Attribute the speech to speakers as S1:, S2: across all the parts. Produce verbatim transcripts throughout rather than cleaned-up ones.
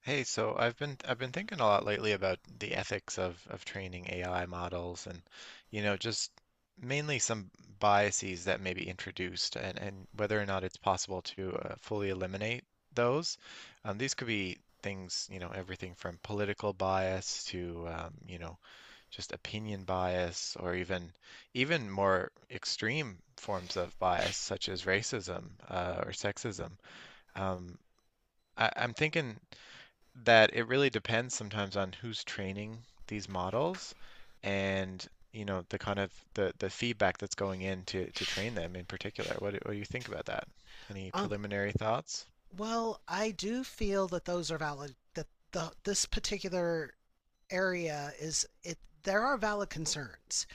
S1: Hey, so I've been I've been thinking a lot lately about the ethics of of training A I models, and you know just mainly some biases that may be introduced, and and whether or not it's possible to uh, fully eliminate those. Um, these could be things, you know, everything from political bias to um, you know, just opinion bias, or even even more extreme forms of bias such as racism uh, or sexism. Um, I, I'm thinking that it really depends sometimes on who's training these models, and you know the kind of the the feedback that's going in to to train them in particular. What do, what do you think about that? Any
S2: Um,
S1: preliminary thoughts?
S2: well, I do feel that those are valid. That the this particular area is it. There are valid concerns.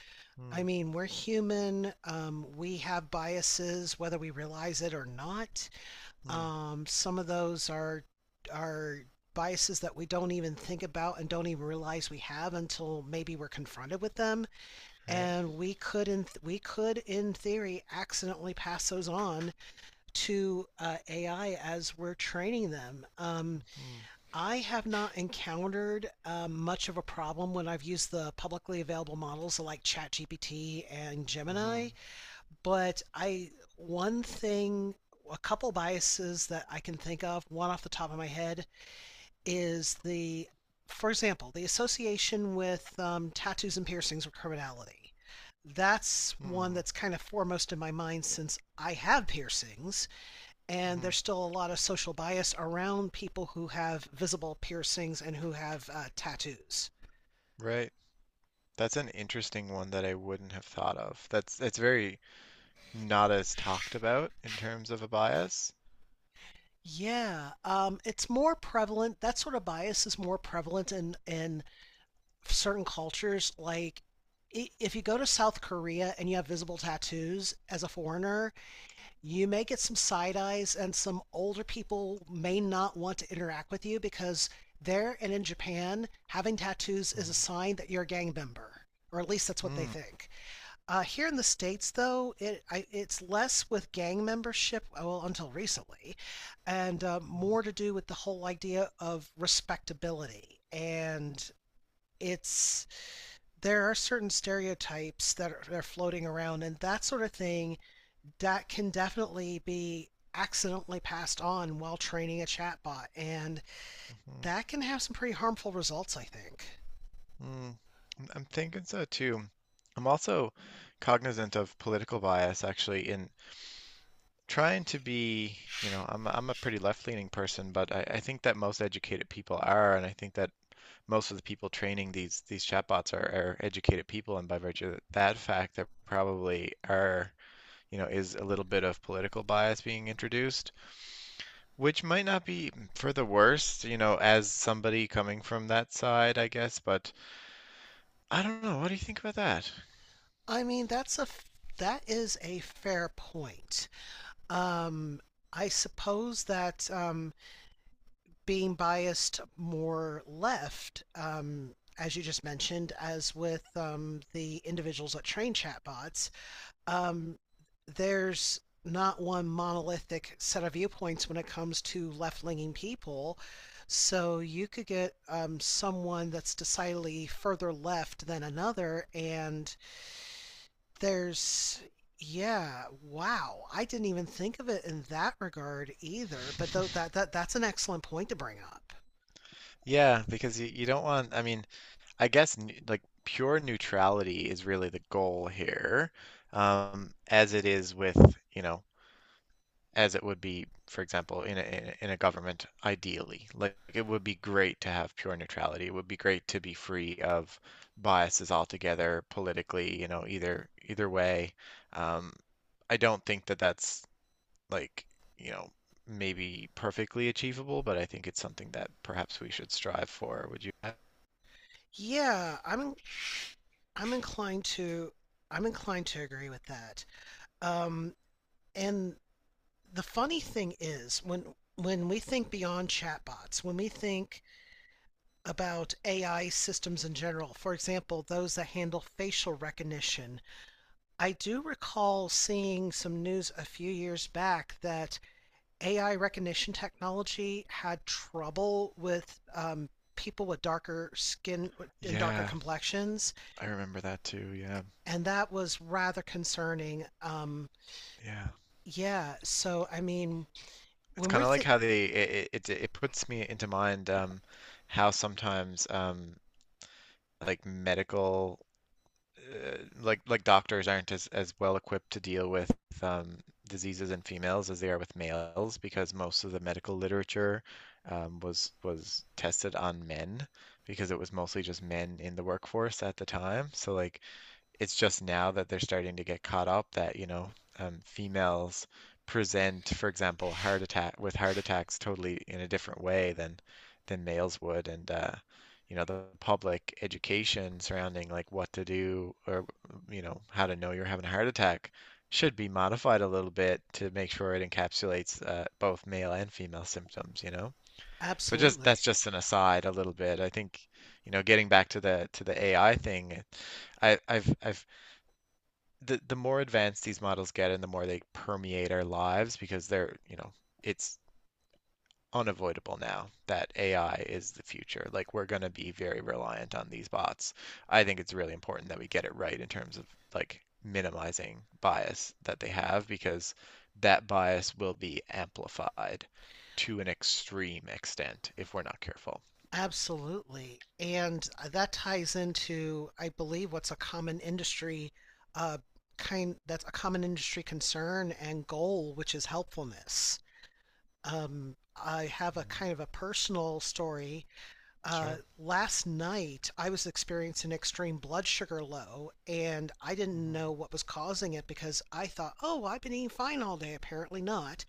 S2: I
S1: Mm,
S2: mean, we're human. Um, we have biases, whether we realize it or not.
S1: mm,
S2: Um, some of those are are biases that we don't even think about and don't even realize we have until maybe we're confronted with them
S1: right.
S2: and we could in we could in theory accidentally pass those on to uh, A I as we're training them. Um,
S1: Mm-hmm,
S2: I have not encountered um, much of a problem when I've used the publicly available models like ChatGPT and
S1: mm-hmm,
S2: Gemini, but I one thing a couple biases that I can think of, one off the top of my head, is the, for example, the association with um, tattoos and piercings with criminality. That's
S1: mm,
S2: one
S1: hmm
S2: that's kind of foremost in my mind since I have piercings, and
S1: mm-hmm.
S2: there's still a lot of social bias around people who have visible piercings and who have uh, tattoos.
S1: Right. That's an interesting one that I wouldn't have thought of. That's that's very not as talked about in terms of a bias.
S2: Yeah, um, it's more prevalent. That sort of bias is more prevalent in in certain cultures. Like, i- if you go to South Korea and you have visible tattoos as a foreigner, you may get some side eyes, and some older people may not want to interact with you because there and in Japan, having tattoos is a
S1: Mm-hmm.
S2: sign that you're a gang member, or at least that's what they
S1: Mm,
S2: think. Uh, here in the states, though, it I, it's less with gang membership, uh, well, until recently, and uh,
S1: mm,
S2: more to do with the whole idea of respectability. And it's there are certain stereotypes that are, that are floating around, and that sort of thing that can definitely be accidentally passed on while training a chatbot, and
S1: mm-hmm,
S2: that can have some pretty harmful results, I think.
S1: mm. I'm thinking so too. I'm also cognizant of political bias, actually. In trying to be, you know, I'm I'm a pretty left-leaning person, but I, I think that most educated people are, and I think that most of the people training these these chatbots are, are educated people, and by virtue of that fact, there probably are, you know, is a little bit of political bias being introduced, which might not be for the worst, you know, as somebody coming from that side, I guess. But I don't know. What do you think about that?
S2: I mean, that's a that is a fair point. Um, I suppose that um, being biased more left, um, as you just mentioned, as with um, the individuals that train chatbots, um, there's not one monolithic set of viewpoints when it comes to left leaning people. So you could get um, someone that's decidedly further left than another, and there's, yeah, wow. I didn't even think of it in that regard either. But though that that that's an excellent point to bring up.
S1: Yeah, because you, you don't want, I mean, I guess n like pure neutrality is really the goal here, um, as it is with, you know, as it would be, for example, in a, in a in a government, ideally. Like, it would be great to have pure neutrality. It would be great to be free of biases altogether politically, you know, either either way. Um, I don't think that that's like, you know, maybe perfectly achievable, but I think it's something that perhaps we should strive for. Would you?
S2: Yeah, I'm I'm inclined to I'm inclined to agree with that. Um, and the funny thing is when when we think beyond chatbots, when we think about A I systems in general, for example, those that handle facial recognition, I do recall seeing some news a few years back that A I recognition technology had trouble with um, people with darker skin and darker
S1: Yeah,
S2: complexions,
S1: I remember that too. Yeah,
S2: and that was rather concerning. Um,
S1: yeah.
S2: yeah, so I mean,
S1: It's
S2: when
S1: kind
S2: we're
S1: of like
S2: th-
S1: how they it, it it it puts me into mind, um how sometimes, um like medical, uh, like like doctors aren't as as well equipped to deal with um diseases in females as they are with males, because most of the medical literature um was was tested on men because it was mostly just men in the workforce at the time. So like it's just now that they're starting to get caught up that, you know, um, females present, for example, heart attack with heart attacks totally in a different way than than males would. And uh, you know, the public education surrounding like what to do, or you know, how to know you're having a heart attack, should be modified a little bit to make sure it encapsulates uh, both male and female symptoms, you know. But just,
S2: absolutely,
S1: that's just an aside a little bit. I think, you know, getting back to the to the A I thing, I, I've I've the the more advanced these models get and the more they permeate our lives, because they're, you know, it's unavoidable now that A I is the future. Like, we're going to be very reliant on these bots. I think it's really important that we get it right in terms of like minimizing bias that they have, because that bias will be amplified to an extreme extent if we're not careful.
S2: absolutely, and that ties into, I believe, what's a common industry uh, kind that's a common industry concern and goal, which is helpfulness. Um, I have a
S1: Mm.
S2: kind of a personal story. Uh,
S1: Sure.
S2: last night, I was experiencing an extreme blood sugar low, and I didn't
S1: Hmm.
S2: know what was causing it because I thought, oh, well, I've been eating fine all day. Apparently not.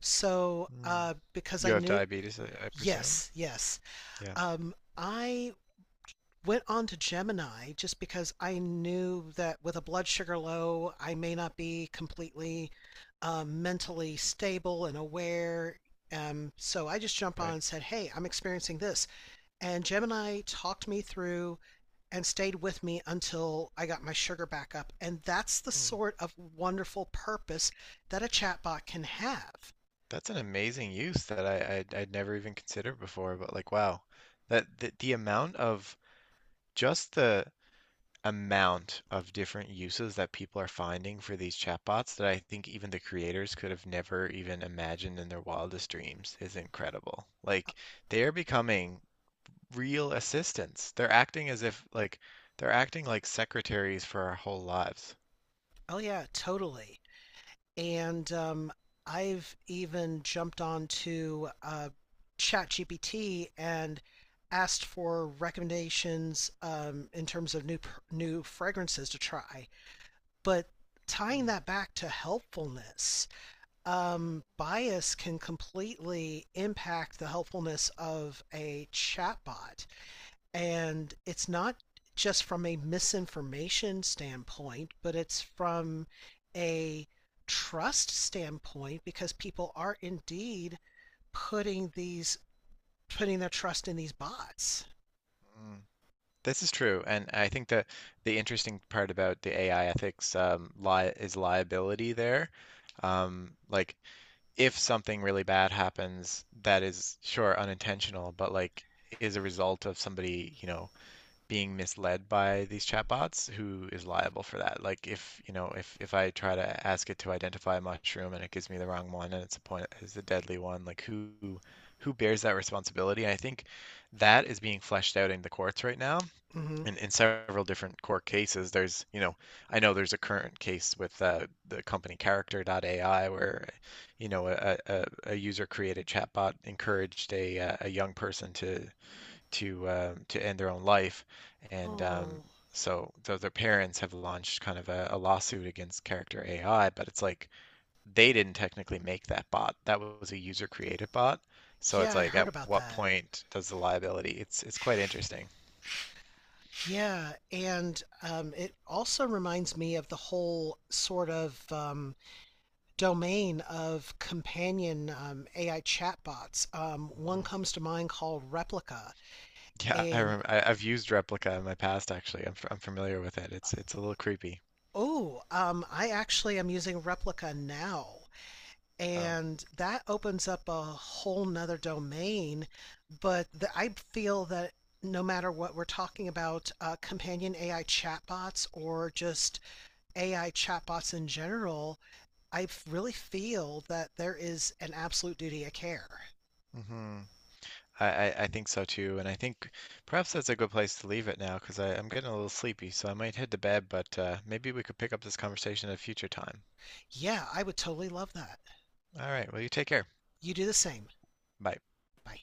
S2: So,
S1: Mm.
S2: uh, because
S1: You
S2: I
S1: have
S2: knew,
S1: diabetes, I, I presume?
S2: yes, yes.
S1: Yeah,
S2: Um, I went on to Gemini just because I knew that with a blood sugar low, I may not be completely um, mentally stable and aware. Um, so I just jumped on
S1: right.
S2: and said, hey, I'm experiencing this. And Gemini talked me through and stayed with me until I got my sugar back up. And that's the
S1: Hmm.
S2: sort of wonderful purpose that a chatbot can have.
S1: That's an amazing use that I, I I'd never even considered before, but like, wow. That the, the amount of just the amount of different uses that people are finding for these chatbots that I think even the creators could have never even imagined in their wildest dreams is incredible. Like, they are becoming real assistants. They're acting as if like they're acting like secretaries for our whole lives.
S2: Oh, yeah, totally. And um, I've even jumped on to uh, ChatGPT and asked for recommendations um, in terms of new new fragrances to try. But tying
S1: Mm.
S2: that back to helpfulness, um, bias can completely impact the helpfulness of a chatbot. And it's not just from a misinformation standpoint, but it's from a trust standpoint because people are indeed putting these putting their trust in these bots.
S1: Mm. This is true, and I think that the interesting part about the A I ethics, um, li is liability there. Um, like, if something really bad happens, that is sure unintentional, but like is a result of somebody, you know, being misled by these chatbots, who is liable for that? Like, if you know, if if I try to ask it to identify a mushroom and it gives me the wrong one, and it's a point is a deadly one, like, who who bears that responsibility? And I think that is being fleshed out in the courts right now,
S2: Mm-hmm.
S1: in, in several different court cases. There's, you know, I know there's a current case with uh, the company Character A I, where you know a, a, a user created chatbot encouraged a, uh, a young person to to uh, to end their own life. And um,
S2: Oh,
S1: So so their parents have launched kind of a, a lawsuit against Character A I, but it's like they didn't technically make that bot. That was a user created bot. So it's
S2: yeah, I
S1: like,
S2: heard
S1: at
S2: about
S1: what
S2: that.
S1: point does the liability? It's it's quite interesting.
S2: Yeah, and um, it also reminds me of the whole sort of um, domain of companion um, A I chatbots. Um, one
S1: Mm.
S2: comes to mind called Replica.
S1: Yeah, I rem
S2: And
S1: I, I've used Replica in my past, actually. I'm f- I'm familiar with it. It's it's a little creepy.
S2: oh, um, I actually am using Replica now.
S1: Wow.
S2: And that opens up a whole nother domain. But the, I feel that no matter what we're talking about, uh, companion A I chatbots or just A I chatbots in general, I really feel that there is an absolute duty of care.
S1: Hmm. I, I I think so too, and I think perhaps that's a good place to leave it now, because I'm getting a little sleepy, so I might head to bed, but uh, maybe we could pick up this conversation at a future time.
S2: Yeah, I would totally love that.
S1: All right, well, you take care.
S2: You do the same.
S1: Bye.
S2: Bye.